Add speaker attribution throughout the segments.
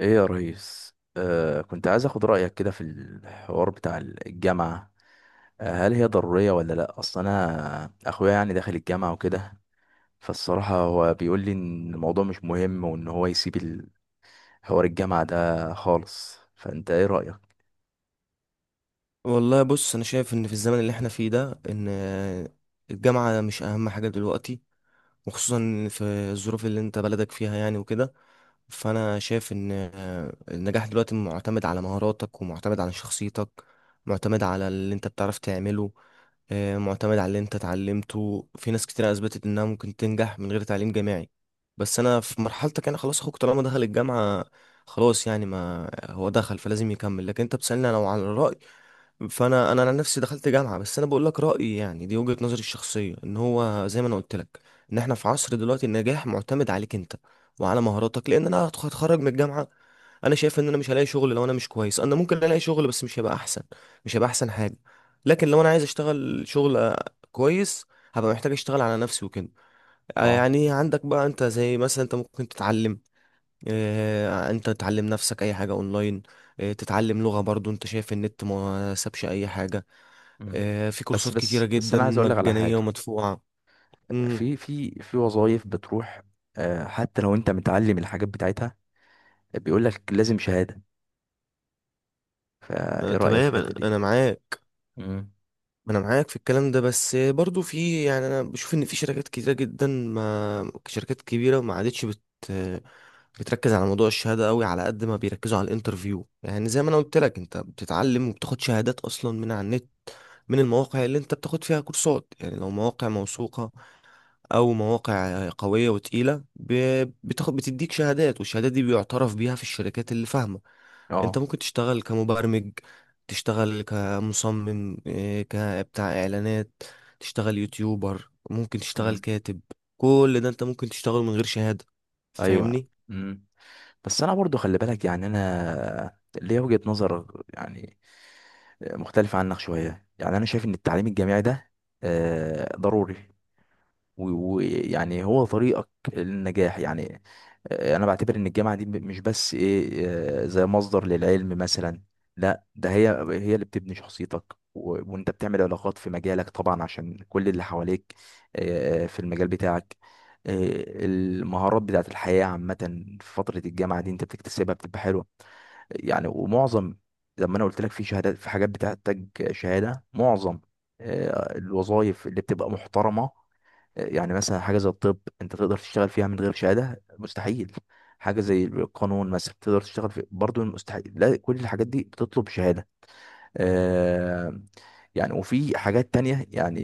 Speaker 1: ايه يا ريس، كنت عايز اخد رايك كده في الحوار بتاع الجامعه. هل هي ضروريه ولا لا؟ اصل انا اخويا يعني داخل الجامعه وكده، فالصراحه هو بيقول لي ان الموضوع مش مهم وان هو يسيب حوار الجامعه ده خالص. فانت ايه رايك؟
Speaker 2: والله بص، انا شايف ان في الزمن اللي احنا فيه ده، ان الجامعة مش اهم حاجة دلوقتي، وخصوصا في الظروف اللي انت بلدك فيها يعني وكده. فانا شايف ان النجاح دلوقتي معتمد على مهاراتك، ومعتمد على شخصيتك، معتمد على اللي انت بتعرف تعمله، معتمد على اللي انت اتعلمته. في ناس كتير اثبتت انها ممكن تنجح من غير تعليم جامعي. بس انا في مرحلتك، انا خلاص اخوك طالما دخل الجامعة خلاص، يعني ما هو دخل فلازم يكمل. لكن انت بتسألني لو على الرأي، فانا عن نفسي دخلت جامعة، بس انا بقول لك رأيي يعني، دي وجهة نظري الشخصية. ان هو زي ما انا قلت لك، ان احنا في عصر دلوقتي النجاح معتمد عليك انت وعلى مهاراتك. لان انا هتخرج من الجامعة، انا شايف ان انا مش هلاقي شغل. لو انا مش كويس، انا ممكن الاقي شغل بس مش هيبقى احسن مش هيبقى احسن حاجه. لكن لو انا عايز اشتغل شغل كويس، هبقى محتاج اشتغل على نفسي وكده.
Speaker 1: اه.
Speaker 2: يعني عندك بقى انت، زي مثلا انت ممكن تتعلم، انت تتعلم نفسك اي حاجه اونلاين. تتعلم لغه. برضو انت شايف النت ما سابش اي حاجه،
Speaker 1: مم.
Speaker 2: في
Speaker 1: بس
Speaker 2: كورسات كتيره
Speaker 1: بس بس
Speaker 2: جدا
Speaker 1: انا عايز اقول لك على
Speaker 2: مجانيه
Speaker 1: حاجه.
Speaker 2: ومدفوعه. امم.
Speaker 1: في وظايف بتروح حتى لو انت متعلم الحاجات بتاعتها، بيقول لك لازم شهاده. فايه رايك في
Speaker 2: تمام،
Speaker 1: الحته
Speaker 2: انا
Speaker 1: دي؟
Speaker 2: معاك.
Speaker 1: امم.
Speaker 2: ما انا معاك في الكلام ده، بس برضو في يعني، انا بشوف ان في شركات كتيره جدا، ما شركات كبيره ما عادتش بتركز على موضوع الشهاده قوي على قد ما بيركزوا على الانترفيو. يعني زي ما انا قلت لك، انت بتتعلم وبتاخد شهادات اصلا من على النت، من المواقع اللي انت بتاخد فيها كورسات، يعني لو مواقع موثوقه او مواقع قويه وتقيله، بتاخد بتديك شهادات، والشهادات دي بيعترف بيها في الشركات اللي فاهمه. انت
Speaker 1: اه.
Speaker 2: ممكن تشتغل كمبرمج، تشتغل كمصمم، كبتاع اعلانات، تشتغل يوتيوبر، ممكن تشتغل
Speaker 1: مم.
Speaker 2: كاتب. كل ده انت ممكن تشتغله من غير شهاده،
Speaker 1: ايوه.
Speaker 2: فاهمني.
Speaker 1: امم. بس انا برضو خلي بالك، يعني انا ليا وجهة نظر يعني مختلفة عنك شوية. يعني انا شايف ان التعليم الجامعي ده ضروري، ويعني هو طريقك للنجاح يعني. انا بعتبر ان الجامعه دي مش بس ايه، زي مصدر للعلم مثلا، لا ده هي هي اللي بتبني شخصيتك، وانت بتعمل علاقات في مجالك طبعا عشان كل اللي حواليك في المجال بتاعك. المهارات بتاعت الحياه عامه في فتره الجامعه دي انت بتكتسبها بتبقى حلوه يعني. ومعظم زي ما انا قلت لك في شهادات، في حاجات بتحتاج شهاده. معظم الوظائف اللي بتبقى محترمه، يعني مثلا حاجة زي الطب انت تقدر تشتغل فيها من غير شهادة؟ مستحيل. حاجة زي القانون مثلا تقدر تشتغل في برضه؟ مستحيل. لا، كل الحاجات دي بتطلب شهادة. آه. يعني وفي حاجات تانية يعني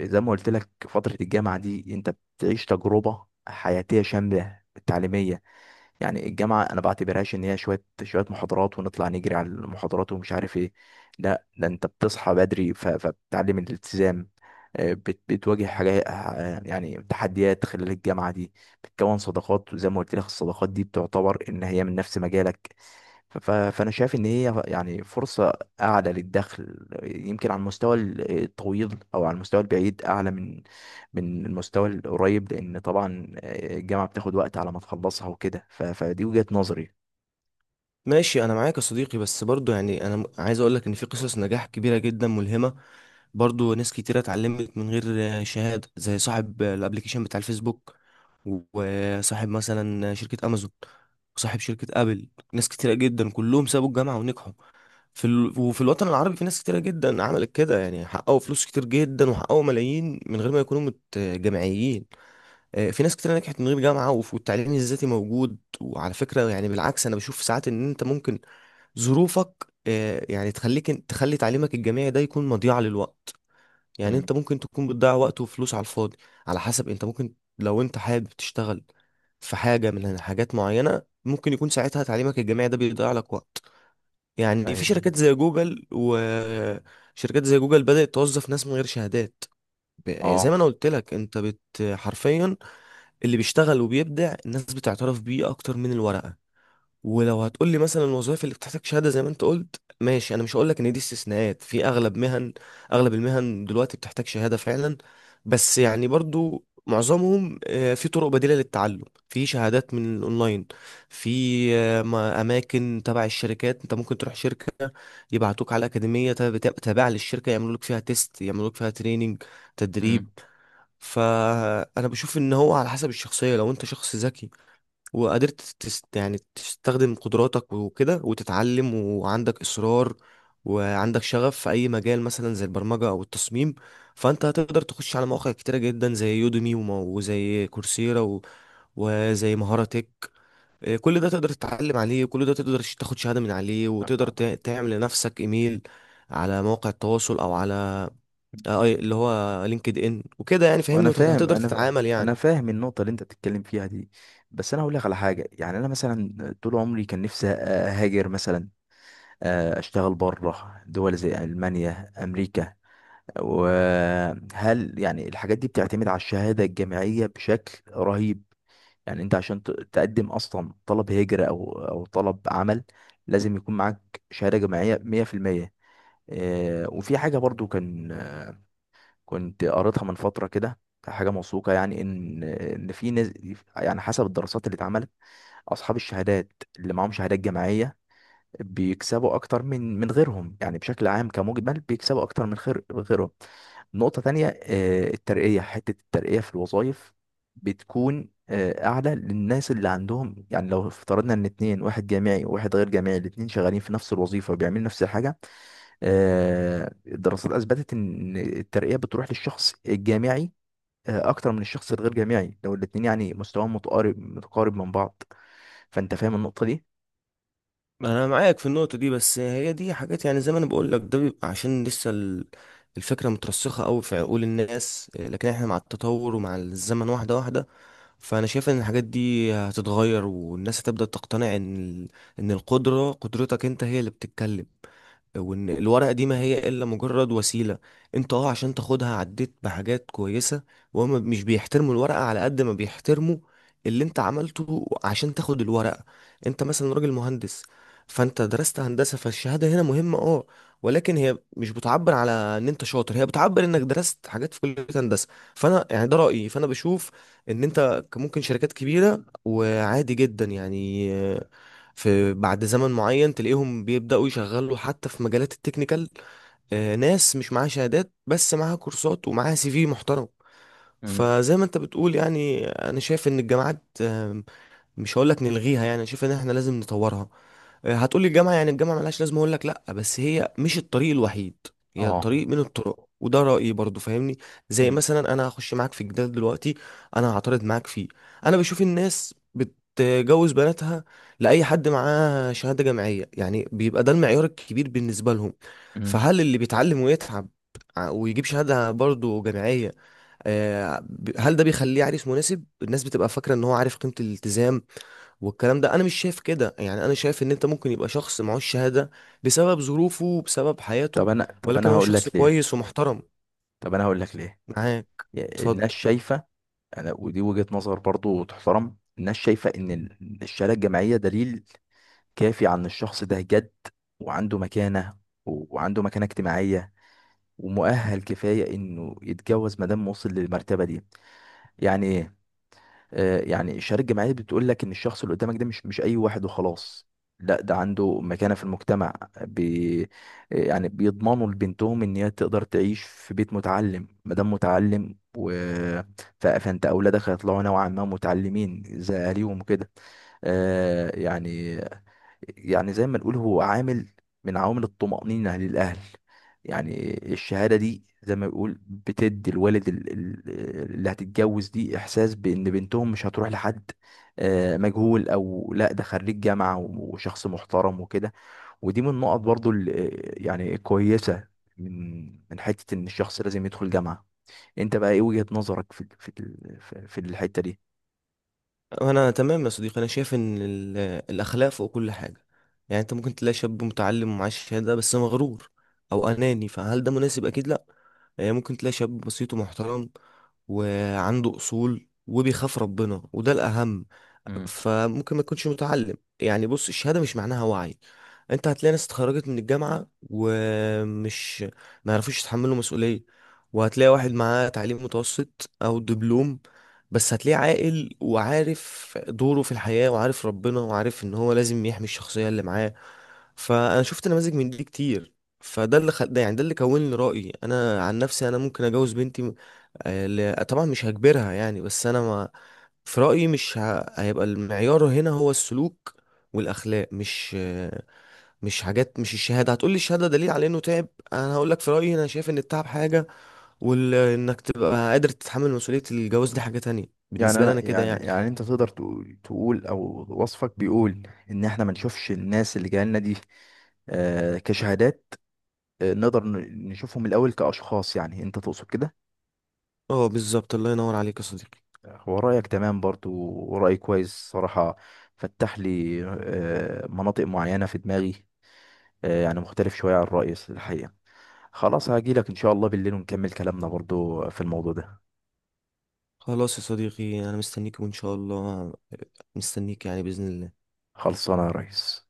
Speaker 1: زي ما قلت لك فترة الجامعة دي انت بتعيش تجربة حياتية شاملة تعليمية. يعني الجامعة أنا بعتبرهاش إن هي شوية شوية محاضرات ونطلع نجري على المحاضرات ومش عارف إيه، لا ده أنت بتصحى بدري فبتتعلم الالتزام، بتواجه حاجات، يعني تحديات خلال الجامعة دي، بتكون صداقات، وزي ما قلت لك الصداقات دي بتعتبر إن هي من نفس مجالك. فانا شايف ان هي يعني فرصه اعلى للدخل، يمكن على المستوى الطويل او على المستوى البعيد اعلى من المستوى القريب، لان طبعا الجامعه بتاخد وقت على ما تخلصها وكده. فدي وجهه نظري.
Speaker 2: ماشي، انا معاك يا صديقي، بس برضو يعني انا عايز اقولك ان في قصص نجاح كبيره جدا ملهمه، برضو ناس كتيرة اتعلمت من غير شهادة، زي صاحب الابليكيشن بتاع الفيسبوك، وصاحب مثلا شركة امازون، وصاحب شركة ابل. ناس كتيرة جدا كلهم سابوا الجامعة ونجحوا وفي الوطن العربي، في ناس كتيرة جدا عملت كده، يعني حققوا فلوس كتير جدا وحققوا ملايين من غير ما يكونوا جامعيين. في ناس كتيرة نجحت من غير جامعة، والتعليم الذاتي موجود. وعلى فكرة، يعني بالعكس، انا بشوف ساعات ان انت ممكن ظروفك يعني تخليك، تخلي تعليمك الجامعي ده يكون مضيعة للوقت. يعني
Speaker 1: مم.
Speaker 2: انت ممكن تكون بتضيع وقت وفلوس على الفاضي، على حسب. انت ممكن لو انت حابب تشتغل في حاجة من حاجات معينة، ممكن يكون ساعتها تعليمك الجامعي ده بيضيع لك وقت. يعني في
Speaker 1: ايوه.
Speaker 2: شركات زي جوجل، وشركات زي جوجل بدأت توظف ناس من غير شهادات. زي ما
Speaker 1: اه.
Speaker 2: انا قلت لك، انت بت حرفيا اللي بيشتغل وبيبدع الناس بتعترف بيه اكتر من الورقة. ولو هتقول لي مثلا الوظائف اللي بتحتاج شهاده زي ما انت قلت، ماشي، انا مش هقول لك ان دي استثناءات في اغلب مهن. اغلب المهن دلوقتي بتحتاج شهاده فعلا، بس يعني برضو معظمهم في طرق بديله للتعلم، في شهادات من الاونلاين، في اماكن تبع الشركات. انت ممكن تروح شركه يبعتوك على اكاديميه تابعه للشركه، يعملوا لك فيها تيست، يعملوا لك فيها تريننج،
Speaker 1: مم.
Speaker 2: تدريب. فانا بشوف ان هو على حسب الشخصيه. لو انت شخص ذكي وقدرت يعني تستخدم قدراتك وكده وتتعلم، وعندك إصرار وعندك شغف في أي مجال، مثلا زي البرمجة أو التصميم، فأنت هتقدر تخش على مواقع كتيرة جدا، زي يوديمي وزي كورسيرا وزي مهارة تك. كل ده تقدر تتعلم عليه، وكل ده تقدر تاخد شهادة من عليه، وتقدر تعمل لنفسك إيميل على مواقع التواصل، أو على اللي هو لينكد إن وكده، يعني فاهمني،
Speaker 1: وانا فاهم،
Speaker 2: وهتقدر
Speaker 1: انا ف-
Speaker 2: تتعامل يعني.
Speaker 1: انا فاهم النقطه اللي انت بتتكلم فيها دي. بس انا هقول لك على حاجه، يعني انا مثلا طول عمري كان نفسي اهاجر مثلا، أ- اشتغل بره دول زي المانيا، امريكا. وهل يعني الحاجات دي بتعتمد على الشهادة الجامعية بشكل رهيب؟ يعني انت عشان تقدم اصلا طلب هجرة او طلب عمل، لازم يكون معاك شهادة جامعية 100%. وفي حاجة برضو كان، كنت قريتها من فترة كده، حاجة موثوقة يعني، ان في ناس، يعني حسب الدراسات اللي اتعملت، اصحاب الشهادات اللي معاهم شهادات جامعية بيكسبوا اكتر من غيرهم، يعني بشكل عام كمجمل بيكسبوا اكتر من خير غيرهم. نقطة تانية، حتة الترقية في الوظائف بتكون أعلى للناس اللي عندهم. يعني لو افترضنا إن اتنين، واحد جامعي وواحد غير جامعي، الاتنين شغالين في نفس الوظيفة وبيعملوا نفس الحاجة، الدراسات أثبتت إن الترقية بتروح للشخص الجامعي أكتر من الشخص الغير جامعي، لو الاتنين يعني مستواهم متقارب متقارب من بعض. فأنت فاهم النقطة دي؟
Speaker 2: انا معاك في النقطه دي، بس هي دي حاجات. يعني زي ما انا بقول لك، ده بيبقى عشان لسه الفكره مترسخه قوي في عقول الناس، لكن احنا مع التطور ومع الزمن واحده واحده. فانا شايف ان الحاجات دي هتتغير، والناس هتبدأ تقتنع ان ان قدرتك انت هي اللي بتتكلم، وان الورقة دي ما هي الا مجرد وسيلة انت عشان تاخدها عديت بحاجات كويسة. وهم مش بيحترموا الورقة على قد ما بيحترموا اللي انت عملته عشان تاخد الورقة. انت مثلا راجل مهندس، فانت درست هندسة، فالشهادة هنا مهمة، ولكن هي مش بتعبر على ان انت شاطر، هي بتعبر انك درست حاجات في كلية هندسة. فانا يعني ده رأيي، فانا بشوف ان انت ممكن، شركات كبيرة وعادي جدا يعني، في بعد زمن معين تلاقيهم بيبدأوا يشغلوا حتى في مجالات التكنيكال، ناس مش معاها شهادات بس معاها كورسات ومعاها سي في محترم.
Speaker 1: مم.
Speaker 2: فزي ما انت بتقول، يعني انا شايف ان الجامعات مش هقول لك نلغيها، يعني انا شايف ان احنا لازم نطورها. هتقولي الجامعة يعني الجامعة ملهاش لازمة، أقول لك لأ بس هي مش الطريق الوحيد، هي
Speaker 1: اه.
Speaker 2: طريق من الطرق، وده رأيي برضو، فاهمني. زي
Speaker 1: مم.
Speaker 2: مثلا أنا هخش معاك في جدال دلوقتي، أنا هعترض معاك فيه. أنا بشوف الناس بتجوز بناتها لأي حد معاه شهادة جامعية، يعني بيبقى ده المعيار الكبير بالنسبة لهم.
Speaker 1: مم.
Speaker 2: فهل اللي بيتعلم ويتعب ويجيب شهادة برضو جامعية، هل ده بيخليه عريس مناسب؟ الناس بتبقى فاكرة إن هو عارف قيمة الالتزام، والكلام ده انا مش شايف كده. يعني انا شايف ان انت ممكن يبقى شخص معهوش شهادة بسبب ظروفه وبسبب حياته،
Speaker 1: طب انا طب
Speaker 2: ولكن
Speaker 1: انا
Speaker 2: هو
Speaker 1: هقول
Speaker 2: شخص
Speaker 1: لك ليه.
Speaker 2: كويس ومحترم.
Speaker 1: طب انا هقول لك ليه.
Speaker 2: معاك، اتفضل.
Speaker 1: الناس شايفه. انا، ودي وجهه نظر برضو تحترم، الناس شايفه ان الشهاده الجامعيه دليل كافي عن الشخص ده، جد وعنده مكانه، وعنده مكانه اجتماعيه ومؤهل كفايه انه يتجوز ما دام وصل للمرتبه دي يعني. يعني الشهادة الجامعية بتقول لك إن الشخص اللي قدامك ده مش أي واحد وخلاص، لا ده عنده مكانة في المجتمع. بي يعني بيضمنوا لبنتهم إن هي تقدر تعيش في بيت متعلم، مادام متعلم فأنت أولادك هيطلعوا نوعا ما متعلمين زي أهاليهم وكده. يعني، يعني زي ما نقول هو عامل من عوامل الطمأنينة للأهل. يعني الشهادة دي زي ما بيقول بتدي الوالد اللي هتتجوز دي إحساس بإن بنتهم مش هتروح لحد مجهول، أو لا ده خريج جامعة وشخص محترم وكده. ودي من النقط برضو يعني كويسة، من من حتة إن الشخص لازم يدخل جامعة. أنت بقى إيه وجهة نظرك في في الحتة
Speaker 2: انا تمام يا صديقي، انا شايف ان الاخلاق فوق كل حاجة. يعني انت ممكن تلاقي شاب متعلم ومعاه شهادة بس مغرور او اناني، فهل ده مناسب؟ اكيد لا. يعني ممكن تلاقي شاب بسيط ومحترم وعنده اصول وبيخاف ربنا، وده الاهم.
Speaker 1: دي؟
Speaker 2: فممكن ما تكونش متعلم يعني. بص، الشهادة مش معناها وعي. انت هتلاقي ناس اتخرجت من الجامعة ومش ما يعرفوش يتحملوا مسؤولية، وهتلاقي واحد معاه تعليم متوسط او دبلوم، بس هتلاقيه عاقل وعارف دوره في الحياة وعارف ربنا وعارف ان هو لازم يحمي الشخصية اللي معاه. فانا شفت نماذج من دي كتير. ده يعني ده اللي كون لي رأيي. انا عن نفسي انا ممكن اجوز بنتي، طبعا مش هجبرها يعني، بس انا ما في رأيي، مش ه... هيبقى المعيار هنا هو السلوك والأخلاق، مش مش حاجات مش الشهادة. هتقولي الشهادة دليل على إنه تعب، أنا هقولك في رأيي، أنا شايف إن التعب حاجة، وإنك تبقى قادر تتحمل مسؤولية الجواز دي حاجة تانية.
Speaker 1: يعني
Speaker 2: بالنسبة لي أنا
Speaker 1: انا
Speaker 2: كده
Speaker 1: يعني
Speaker 2: يعني.
Speaker 1: يعني انت تقدر تقول او وصفك بيقول ان احنا ما نشوفش الناس اللي جايه لنا دي كشهادات، نقدر نشوفهم الاول كاشخاص. يعني انت تقصد كده؟
Speaker 2: اه، بالظبط، الله ينور عليك يا صديقي.
Speaker 1: هو رايك تمام برضو، ورأي كويس صراحه، فتح لي مناطق معينه في دماغي، يعني مختلف شويه عن الرأي الحقيقه. خلاص هاجي لك ان شاء الله بالليل ونكمل كلامنا برضو في الموضوع ده.
Speaker 2: خلاص يا صديقي، أنا مستنيك وإن شاء الله، مستنيك يعني بإذن الله.
Speaker 1: خلصانه يا ريس.